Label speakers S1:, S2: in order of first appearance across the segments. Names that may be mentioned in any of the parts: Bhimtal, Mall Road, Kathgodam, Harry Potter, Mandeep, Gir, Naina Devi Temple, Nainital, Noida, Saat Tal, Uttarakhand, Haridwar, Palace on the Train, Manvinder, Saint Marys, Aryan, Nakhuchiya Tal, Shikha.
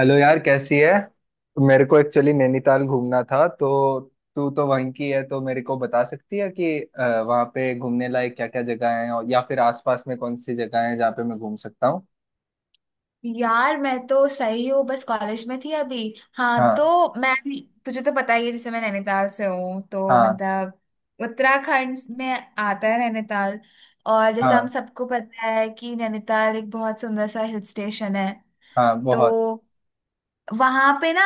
S1: Hello यार, कैसी है। मेरे को एक्चुअली नैनीताल घूमना था तो तू तो वहीं की है तो मेरे को बता सकती है कि वहाँ पे घूमने लायक क्या क्या जगह है और या फिर आसपास में कौन सी जगह है जहाँ पे मैं घूम सकता हूँ।
S2: यार, मैं तो सही हूँ, बस कॉलेज में थी अभी। हाँ, तो
S1: हाँ।
S2: मैं भी, तुझे तो पता ही है, जैसे मैं नैनीताल से हूँ, तो
S1: हाँ।
S2: मतलब उत्तराखंड में आता है नैनीताल। और जैसे हम
S1: हाँ।
S2: सबको पता है कि नैनीताल एक बहुत सुंदर सा हिल स्टेशन है।
S1: हाँ
S2: तो
S1: बहुत।
S2: वहां पे ना,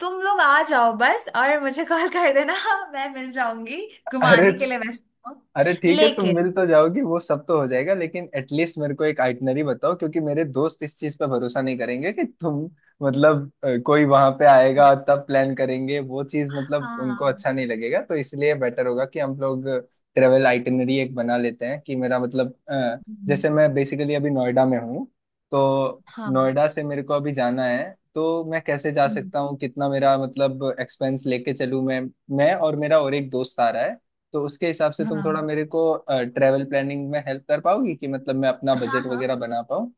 S2: तुम लोग आ जाओ बस, और मुझे कॉल कर देना। मैं मिल जाऊंगी
S1: अरे,
S2: घुमाने के लिए वैसे। तो
S1: अरे ठीक है, तुम मिल
S2: लेकिन।
S1: तो जाओगी, वो सब तो हो जाएगा, लेकिन एटलीस्ट मेरे को एक आइटनरी बताओ क्योंकि मेरे दोस्त इस चीज पे भरोसा नहीं करेंगे कि तुम मतलब कोई वहां पे आएगा तब प्लान करेंगे, वो चीज मतलब
S2: हाँ,
S1: उनको
S2: हाँ।
S1: अच्छा नहीं लगेगा तो इसलिए बेटर होगा कि हम लोग ट्रेवल आइटनरी एक बना लेते हैं कि मेरा मतलब
S2: हम्म।
S1: जैसे मैं बेसिकली अभी नोएडा में हूँ। तो
S2: हाँ।
S1: नोएडा से मेरे को अभी जाना है तो मैं कैसे जा
S2: हम्म।
S1: सकता हूँ, कितना मेरा मतलब एक्सपेंस लेके चलूँ मैं। मैं और मेरा और एक दोस्त आ रहा है तो उसके हिसाब से तुम थोड़ा
S2: हाँ,
S1: मेरे को ट्रेवल प्लानिंग में हेल्प कर पाओगी कि मतलब मैं अपना
S2: हाँ।
S1: बजट
S2: हाँ,
S1: वगैरह बना पाऊँ।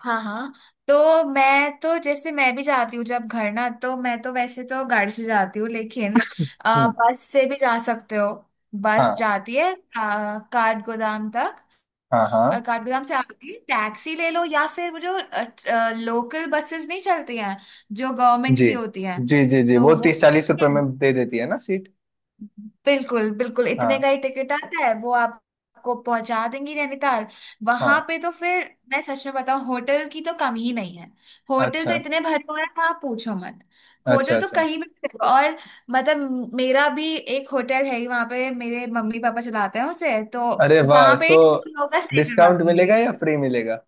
S2: हाँ, हाँ। तो मैं तो, जैसे मैं भी जाती हूँ जब घर, ना तो मैं तो वैसे तो गाड़ी से जाती हूँ, लेकिन
S1: हम्म,
S2: बस से भी जा सकते हो। बस
S1: हाँ।
S2: जाती है काठ गोदाम तक।
S1: हाँ।
S2: और
S1: हाँ।
S2: काठ गोदाम से आती है, टैक्सी ले लो, या फिर वो जो लोकल बसेस नहीं चलती हैं, जो गवर्नमेंट
S1: जी
S2: की होती हैं,
S1: जी जी जी,
S2: तो
S1: वो
S2: वो
S1: 30 40 रुपए में दे देती है ना सीट।
S2: बिल्कुल बिल्कुल इतने
S1: हाँ।
S2: का ही टिकट आता है वो। आपको पहुंचा देंगी नैनीताल। वहां
S1: हाँ।
S2: पे तो फिर, मैं सच में बताऊं, होटल की तो कमी ही नहीं है। होटल तो
S1: अच्छा।
S2: इतने भरपूर है, आप पूछो मत।
S1: अच्छा
S2: होटल तो
S1: अच्छा।
S2: कहीं भी मिलेगा। और मतलब, मेरा भी एक होटल है ही वहां पे, मेरे मम्मी पापा चलाते हैं उसे, तो
S1: अरे वाह।
S2: वहां पे
S1: तो
S2: तुम लोगों का स्टे करवा
S1: डिस्काउंट
S2: दूंगी।
S1: मिलेगा या फ्री मिलेगा?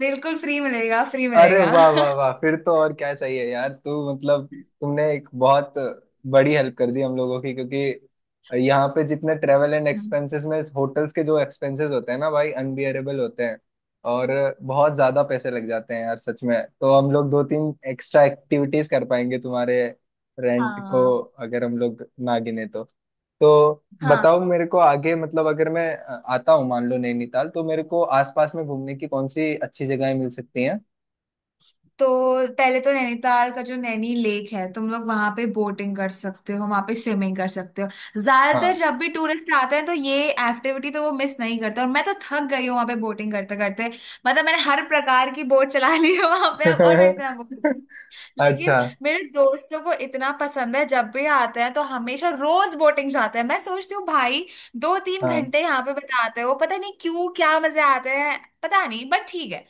S2: बिल्कुल फ्री मिलेगा, फ्री
S1: अरे
S2: मिलेगा।
S1: वाह वाह वाह, फिर तो और क्या चाहिए यार, तू मतलब तुमने एक बहुत बड़ी हेल्प कर दी हम लोगों की, क्योंकि यहाँ पे जितने ट्रेवल एंड एक्सपेंसेस में होटल्स के जो एक्सपेंसेस होते हैं ना भाई अनबियरेबल होते हैं। और बहुत ज्यादा पैसे लग जाते हैं यार सच में, तो हम लोग दो तीन एक्स्ट्रा एक्टिविटीज कर पाएंगे तुम्हारे रेंट को
S2: हाँ,
S1: अगर हम लोग ना गिने तो। तो
S2: हाँ।
S1: बताओ मेरे को आगे, मतलब अगर मैं आता हूँ मान लो नैनीताल, तो मेरे को आसपास में घूमने की कौन सी अच्छी जगहें मिल सकती हैं?
S2: तो पहले तो नैनीताल का जो नैनी लेक है, तुम लोग वहां पे बोटिंग कर सकते हो, वहां पे स्विमिंग कर सकते हो। ज्यादातर
S1: हाँ।
S2: जब भी टूरिस्ट आते हैं तो ये एक्टिविटी तो वो मिस नहीं करते। और मैं तो थक गई हूँ वहां पे बोटिंग करते करते। मतलब मैंने हर प्रकार की बोट चला ली है वहां पे अब, और मैं इतना बोर। लेकिन
S1: अच्छा।
S2: मेरे दोस्तों को इतना पसंद है, जब भी आते हैं तो हमेशा रोज बोटिंग जाते हैं। मैं सोचती हूँ, भाई, दो तीन
S1: हाँ।
S2: घंटे यहाँ पे बिताते हो, पता नहीं क्यों, क्या मजे आते हैं। पता नहीं, बट ठीक है,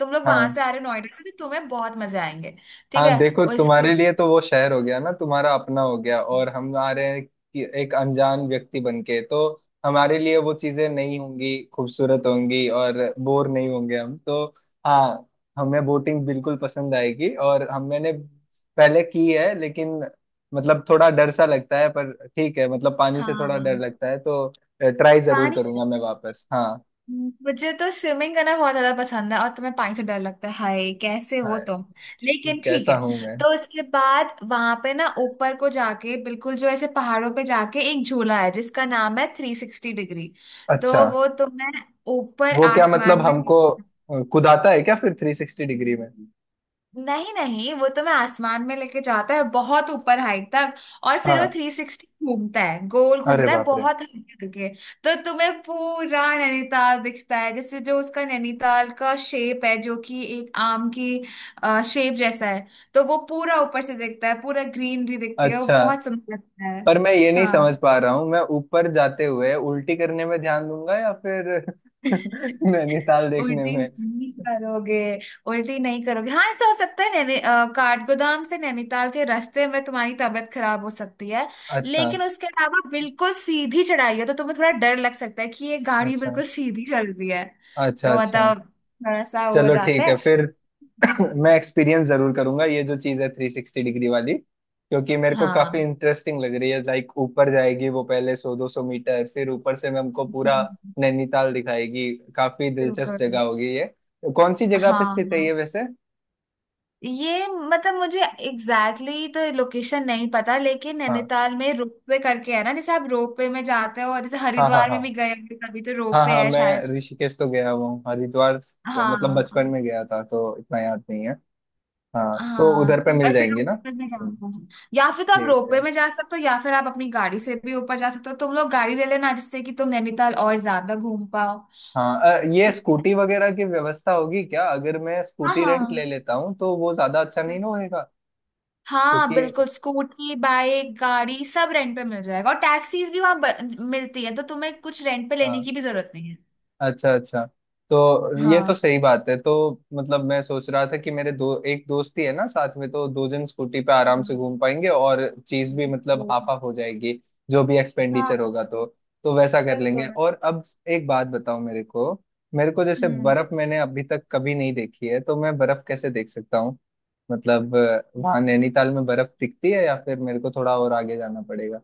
S2: तुम लोग वहां
S1: हाँ।
S2: से आ रहे हो नोएडा से तो तुम्हें बहुत मजे आएंगे। ठीक
S1: हाँ
S2: है।
S1: देखो, तुम्हारे
S2: उसके।
S1: लिए तो वो शहर हो गया ना, तुम्हारा अपना हो गया, और हम आ रहे हैं कि एक अनजान व्यक्ति बन के, तो हमारे लिए वो चीजें नहीं होंगी, खूबसूरत होंगी और बोर नहीं होंगे हम तो। हाँ। हमें बोटिंग बिल्कुल पसंद आएगी, और हम मैंने पहले की है लेकिन मतलब थोड़ा डर सा लगता है, पर ठीक है, मतलब पानी
S2: हाँ,
S1: से थोड़ा डर
S2: हाँ।
S1: लगता है तो ट्राई जरूर
S2: पानी
S1: करूंगा
S2: से,
S1: मैं वापस। हाँ।
S2: मुझे तो स्विमिंग करना बहुत ज्यादा पसंद है, और तुम्हें पानी से डर लगता है, हाय कैसे हो
S1: हाँ।
S2: तुम। लेकिन ठीक
S1: कैसा
S2: है,
S1: हूँ मैं?
S2: तो इसके बाद वहां पे ना, ऊपर को जाके, बिल्कुल जो ऐसे पहाड़ों पे जाके, एक झूला है जिसका नाम है थ्री सिक्सटी डिग्री। तो
S1: अच्छा।
S2: वो तुम्हें ऊपर
S1: वो क्या
S2: आसमान
S1: मतलब
S2: में,
S1: हमको कुदाता है क्या फिर थ्री सिक्सटी डिग्री में?
S2: नहीं नहीं, वो तो मैं आसमान में लेके जाता है बहुत ऊपर हाइट तक। और फिर वो
S1: हाँ।
S2: थ्री सिक्सटी घूमता है, गोल
S1: अरे
S2: घूमता है,
S1: बाप रे।
S2: बहुत हाइट करके। तो तुम्हें पूरा नैनीताल दिखता है। जैसे जो उसका नैनीताल का शेप है, जो कि एक आम की शेप जैसा है, तो वो पूरा ऊपर से दिखता है, पूरा ग्रीनरी दिखती है, वो
S1: अच्छा।
S2: बहुत सुंदर लगता है।
S1: पर मैं ये नहीं समझ पा रहा हूँ, मैं ऊपर जाते हुए उल्टी करने में ध्यान दूंगा या फिर
S2: हाँ।
S1: नैनीताल देखने
S2: उल्टी
S1: में?
S2: नहीं करोगे। उल्टी नहीं करोगे। हाँ, ऐसा हो सकता है, काठगोदाम से नैनीताल के रास्ते में तुम्हारी तबीयत खराब हो सकती है।
S1: अच्छा।
S2: लेकिन उसके अलावा बिल्कुल सीधी चढ़ाई है, तो तुम्हें थोड़ा डर लग सकता है कि ये गाड़ी
S1: अच्छा
S2: बिल्कुल सीधी चल रही है।
S1: अच्छा।
S2: तो
S1: अच्छा।
S2: मतलब थोड़ा सा हो
S1: चलो
S2: जाता
S1: ठीक है
S2: है।
S1: फिर। मैं एक्सपीरियंस जरूर करूंगा ये जो चीज है थ्री सिक्सटी डिग्री वाली, क्योंकि मेरे को काफी
S2: हाँ,
S1: इंटरेस्टिंग लग रही है, लाइक ऊपर जाएगी वो पहले 100 200 मीटर फिर ऊपर से मैं हमको पूरा नैनीताल दिखाएगी। काफी दिलचस्प
S2: बिल्कुल।
S1: जगह होगी ये। कौन सी
S2: हाँ,
S1: जगह पे स्थित है
S2: हाँ।
S1: ये वैसे?
S2: ये, मतलब मुझे एग्जैक्टली तो लोकेशन नहीं पता, लेकिन
S1: हाँ।
S2: नैनीताल में रोपवे करके है ना, जैसे आप रोपवे में जाते हो, और जैसे
S1: हाँ। हाँ।
S2: हरिद्वार
S1: हाँ।
S2: में भी गए होंगे कभी, तो
S1: हाँ।
S2: रोपवे
S1: हाँ
S2: है
S1: मैं
S2: शायद।
S1: ऋषिकेश तो गया हुआ हूँ, हरिद्वार मतलब
S2: हाँ,
S1: बचपन में गया था तो इतना याद नहीं है। हाँ तो
S2: हाँ,
S1: उधर
S2: तो
S1: पे मिल
S2: वैसे
S1: जाएंगी ना।
S2: रोपवे में जाते हैं, या फिर तो आप
S1: ठीक है।
S2: रोपवे में जा सकते हो, या फिर आप अपनी गाड़ी से भी ऊपर जा सकते हो। तुम लोग गाड़ी ले लेना, जिससे कि तुम नैनीताल और ज्यादा घूम पाओ।
S1: हाँ, ये
S2: ठीक है।
S1: स्कूटी वगैरह की व्यवस्था होगी क्या? अगर मैं
S2: हाँ,
S1: स्कूटी रेंट ले
S2: हाँ।
S1: लेता हूँ तो वो ज्यादा अच्छा नहीं ना होएगा?
S2: हाँ,
S1: क्योंकि
S2: बिल्कुल स्कूटी, बाइक, गाड़ी सब रेंट पे मिल जाएगा, और टैक्सीज भी वहां मिलती है, तो तुम्हें कुछ रेंट पे लेने
S1: हाँ।
S2: की भी जरूरत नहीं है।
S1: अच्छा अच्छा। तो ये
S2: हाँ,
S1: तो सही बात है, तो मतलब मैं सोच रहा था कि मेरे दो एक दोस्त ही है ना साथ में, तो दो जन स्कूटी पे आराम से
S2: हाँ।
S1: घूम पाएंगे और चीज भी मतलब
S2: वो,
S1: हाफ हाफ हो जाएगी जो भी एक्सपेंडिचर
S2: हाँ,
S1: होगा तो। तो वैसा कर लेंगे।
S2: बिल्कुल।
S1: और अब एक बात बताओ मेरे को। मेरे को जैसे
S2: हम्म।
S1: बर्फ मैंने अभी तक कभी नहीं देखी है तो मैं बर्फ कैसे देख सकता, मतलब वहां नैनीताल में बर्फ दिखती है या फिर मेरे को थोड़ा और आगे जाना पड़ेगा?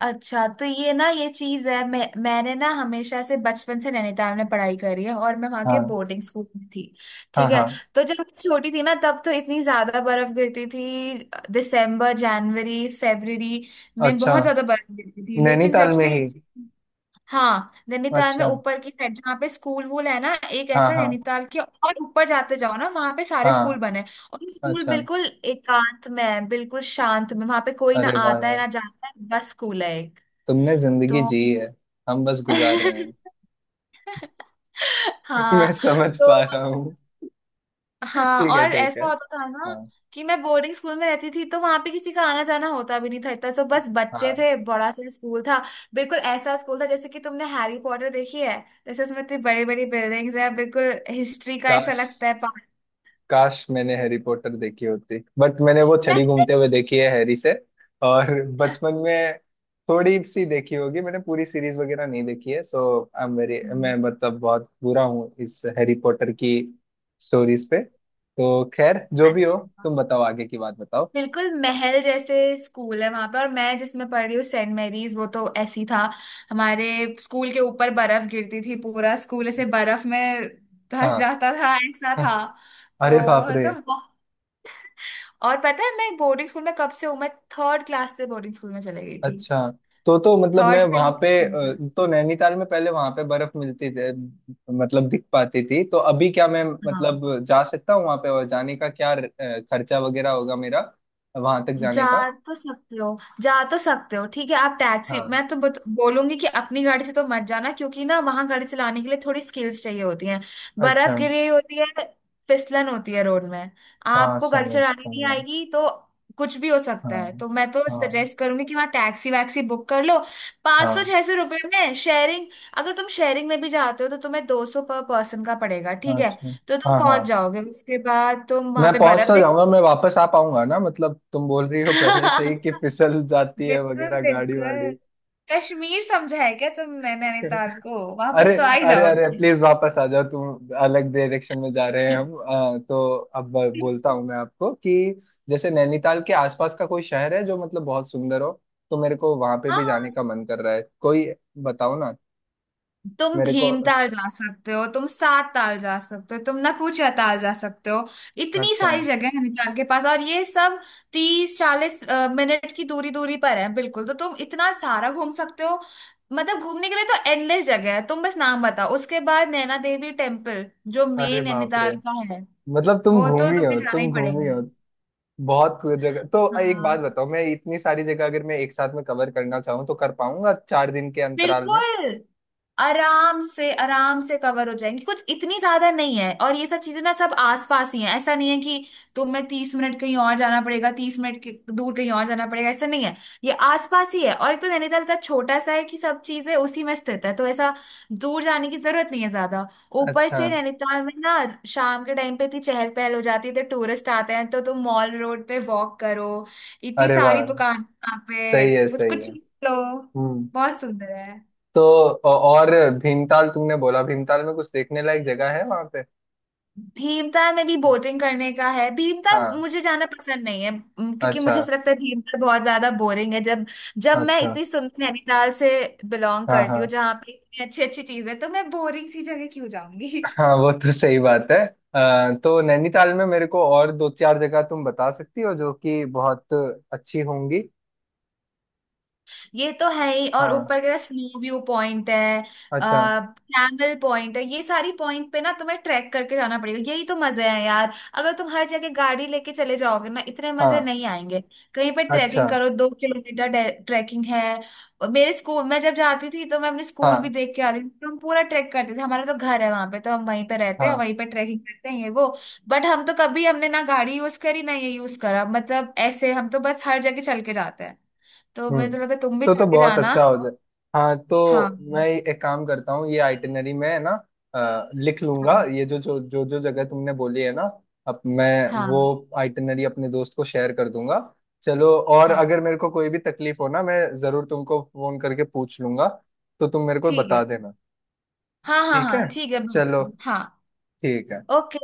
S2: अच्छा, तो ये ना, ये चीज है, मैंने ना हमेशा से बचपन से नैनीताल में पढ़ाई करी है और मैं वहां के
S1: हाँ।
S2: बोर्डिंग स्कूल में थी।
S1: हाँ।
S2: ठीक है।
S1: हाँ।
S2: तो जब मैं छोटी थी ना, तब तो इतनी ज्यादा बर्फ गिरती थी, दिसंबर जनवरी फरवरी में
S1: अच्छा।
S2: बहुत ज्यादा बर्फ गिरती थी, लेकिन जब
S1: नैनीताल में
S2: से।
S1: ही?
S2: हाँ, नैनीताल में
S1: अच्छा।
S2: ऊपर की साइड जहाँ पे स्कूल वूल है ना, एक
S1: हाँ।
S2: ऐसा,
S1: हाँ।
S2: नैनीताल के और ऊपर जाते जाओ ना, वहां पे सारे स्कूल
S1: हाँ।
S2: बने हैं। और ये स्कूल
S1: अच्छा।
S2: बिल्कुल एकांत में है, बिल्कुल शांत में, वहां पे कोई ना
S1: अरे वाह
S2: आता है
S1: यार,
S2: ना जाता है, बस स्कूल है एक।
S1: तुमने जिंदगी
S2: तो।
S1: जी है, हम बस गुजार रहे हैं। मैं
S2: हाँ।
S1: समझ
S2: तो।
S1: पा रहा हूँ।
S2: हाँ,
S1: ठीक है
S2: और
S1: ठीक है।
S2: ऐसा होता था ना
S1: हाँ।
S2: कि मैं बोर्डिंग स्कूल में रहती थी, तो वहां पे किसी का आना जाना होता भी नहीं था इतना, तो बस बच्चे
S1: हाँ।
S2: थे, बड़ा सा स्कूल था। बिल्कुल ऐसा स्कूल था जैसे कि तुमने हैरी पॉटर देखी है, जैसे उसमें इतनी बड़ी बड़ी बिल्डिंग्स है, बिल्कुल हिस्ट्री का ऐसा
S1: काश,
S2: लगता है पार्ट।
S1: काश मैंने हैरी पॉटर देखी होती, बट मैंने वो छड़ी घूमते हुए देखी है हैरी से, और बचपन में थोड़ी सी देखी होगी। मैंने पूरी सीरीज वगैरह नहीं देखी है, सो आई एम वेरी, मैं
S2: नहीं।
S1: मतलब बहुत बुरा हूँ इस हैरी पॉटर की स्टोरीज पे, तो खैर जो भी हो।
S2: अच्छा।
S1: तुम बताओ, आगे की बात बताओ।
S2: बिल्कुल महल जैसे स्कूल है वहां पे, और मैं जिसमें पढ़ रही हूँ, सेंट मैरीज, वो तो ऐसी था। हमारे स्कूल के ऊपर बर्फ गिरती थी, पूरा स्कूल ऐसे बर्फ में
S1: हाँ।
S2: धंस जाता था, ऐसा था।
S1: हाँ। अरे बाप
S2: तो
S1: रे।
S2: तो बहु- और पता है मैं बोर्डिंग स्कूल में कब से हूँ? मैं थर्ड क्लास से बोर्डिंग स्कूल में चले गई थी।
S1: अच्छा, तो मतलब मैं
S2: थर्ड से।
S1: वहां पे तो नैनीताल में पहले वहां पे बर्फ मिलती थी मतलब दिख पाती थी? तो अभी क्या मैं
S2: हाँ।
S1: मतलब जा सकता हूँ वहां पे, और जाने का क्या खर्चा वगैरह होगा मेरा वहां तक
S2: जा
S1: जाने का?
S2: तो सकते हो, जा तो सकते हो, ठीक है, आप टैक्सी।
S1: हाँ।
S2: मैं तो बोलूंगी कि अपनी गाड़ी से तो मत जाना, क्योंकि ना, वहां गाड़ी चलाने के लिए थोड़ी स्किल्स चाहिए होती हैं,
S1: अच्छा।
S2: बर्फ गिरी होती है, फिसलन होती है रोड में,
S1: हाँ,
S2: आपको गाड़ी
S1: समझ
S2: चलानी नहीं
S1: पाऊंगा।
S2: आएगी तो कुछ भी हो सकता है।
S1: हाँ।
S2: तो मैं तो
S1: हाँ।
S2: सजेस्ट करूंगी कि वहाँ टैक्सी वैक्सी बुक कर लो। पाँच सौ
S1: हाँ।
S2: छह सौ रुपये में शेयरिंग। अगर तुम शेयरिंग में भी जाते हो तो तुम्हें 200 पर पर्सन का पड़ेगा। ठीक है?
S1: अच्छा।
S2: तो तुम
S1: हाँ। हाँ
S2: पहुंच जाओगे, उसके बाद तुम वहां
S1: मैं
S2: पे
S1: पहुंच
S2: बर्फ
S1: तो
S2: देखो।
S1: जाऊंगा, मैं वापस आ पाऊंगा ना? मतलब तुम बोल रही हो पहले से ही कि फिसल जाती है
S2: बिल्कुल,
S1: वगैरह गाड़ी वाड़ी।
S2: बिल्कुल। कश्मीर समझा है क्या तुमने नैनीताल को?
S1: अरे,
S2: वापस तो आ ही
S1: अरे, अरे
S2: जाओगे।
S1: प्लीज वापस आ जाओ, तुम अलग डायरेक्शन में जा रहे हैं हम। तो अब बोलता हूँ मैं आपको कि जैसे नैनीताल के आसपास का कोई शहर है जो मतलब बहुत सुंदर हो, तो मेरे को वहां पे भी जाने
S2: हाँ,
S1: का मन कर रहा है, कोई बताओ ना।
S2: तुम
S1: मेरे को
S2: भीमताल जा सकते हो, तुम सात ताल जा सकते हो, तुम नखूचिया ताल जा सकते हो। इतनी
S1: अच्छा।
S2: सारी जगह है नैनीताल के पास, और ये सब 30-40 मिनट की दूरी दूरी पर है बिल्कुल, तो तुम इतना सारा घूम सकते हो। मतलब घूमने के लिए तो एंडलेस जगह है, तुम बस नाम बताओ। उसके बाद नैना देवी टेम्पल जो
S1: अरे
S2: मेन
S1: बाप रे।
S2: नैनीताल का है,
S1: मतलब तुम
S2: वो तो
S1: घूमी
S2: तुम्हें
S1: हो,
S2: जाना ही
S1: तुम घूमी हो
S2: पड़ेगा।
S1: बहुत कुछ जगह। तो एक बात
S2: हाँ,
S1: बताओ, मैं इतनी सारी जगह अगर मैं एक साथ में कवर करना चाहूँ तो कर पाऊंगा 4 दिन के अंतराल में?
S2: बिल्कुल, आराम से, आराम से कवर हो जाएंगी, कुछ इतनी ज्यादा नहीं है। और ये सब चीजें ना, सब आसपास ही हैं, ऐसा नहीं है कि तुम्हें 30 मिनट कहीं और जाना पड़ेगा, 30 मिनट के दूर कहीं और जाना पड़ेगा, ऐसा नहीं है। ये आसपास ही है, और एक तो नैनीताल इतना छोटा सा है कि सब चीजें उसी में स्थित है, तो ऐसा दूर जाने की जरूरत नहीं है ज्यादा। ऊपर
S1: अच्छा।
S2: से नैनीताल में ना, शाम के टाइम पे इतनी चहल पहल हो जाती है, तो टूरिस्ट आते हैं, तो तुम मॉल रोड पे वॉक करो, इतनी
S1: अरे
S2: सारी
S1: वाह,
S2: दुकान वहाँ पे,
S1: सही है
S2: कुछ
S1: सही
S2: कुछ
S1: है।
S2: चीज़ लो,
S1: हम्म।
S2: बहुत सुंदर है।
S1: तो और भीमताल, तुमने बोला भीमताल में कुछ देखने लायक जगह है वहां पे?
S2: भीमताल में भी बोटिंग करने का है, भीमताल
S1: हाँ।
S2: मुझे जाना पसंद नहीं है, क्योंकि
S1: अच्छा
S2: मुझे ऐसा लगता है भीमताल बहुत ज्यादा बोरिंग है, जब जब मैं
S1: अच्छा।
S2: इतनी सुंदर नैनीताल से बिलोंग
S1: हाँ हाँ
S2: करती हूँ, जहाँ पे इतनी अच्छी अच्छी चीजें, तो मैं बोरिंग सी जगह क्यों जाऊंगी।
S1: हाँ वो तो सही बात है। तो नैनीताल में मेरे को और दो चार जगह तुम बता सकती हो जो कि बहुत अच्छी होंगी?
S2: ये तो है ही, और
S1: हाँ।
S2: ऊपर का स्नो व्यू पॉइंट है,
S1: अच्छा।
S2: आ, कैमल पॉइंट है, ये सारी पॉइंट पे ना तुम्हें ट्रैक करके जाना पड़ेगा, यही तो मजे हैं यार। अगर तुम हर जगह गाड़ी लेके चले जाओगे ना, इतने मजे
S1: हाँ।
S2: नहीं आएंगे। कहीं पे
S1: अच्छा।
S2: ट्रैकिंग करो, 2 किलोमीटर ट्रैकिंग है। और मेरे स्कूल मैं जब जाती थी, तो मैं अपने स्कूल भी
S1: हाँ।
S2: देख के आती थी, तो हम पूरा ट्रैक करते थे। हमारा तो घर है वहां पे, तो हम वहीं पे रहते हैं,
S1: हाँ।
S2: वहीं पे ट्रैकिंग करते हैं, ये वो। बट हम तो कभी, हमने ना गाड़ी यूज करी ना ये यूज करा, मतलब ऐसे हम तो बस हर जगह चल के जाते हैं। तो मुझे
S1: हम्म।
S2: तो लगता है तुम भी
S1: तो
S2: करके
S1: बहुत
S2: जाना।
S1: अच्छा हो जाए। हाँ,
S2: हाँ,
S1: तो मैं एक काम करता हूँ, ये आइटिनरी में ना लिख लूंगा
S2: हाँ।
S1: ये जो जो जो जो जगह तुमने बोली है ना, अब मैं वो
S2: हाँ,
S1: आइटिनरी अपने दोस्त को शेयर कर दूंगा। चलो, और
S2: हाँ,
S1: अगर मेरे को कोई भी तकलीफ हो ना, मैं जरूर तुमको फोन करके पूछ लूंगा, तो तुम मेरे को
S2: ठीक
S1: बता
S2: है।
S1: देना।
S2: हाँ, हाँ,
S1: ठीक है।
S2: हाँ, ठीक है,
S1: चलो।
S2: बिल्कुल। हाँ।
S1: ठीक है।
S2: ओके।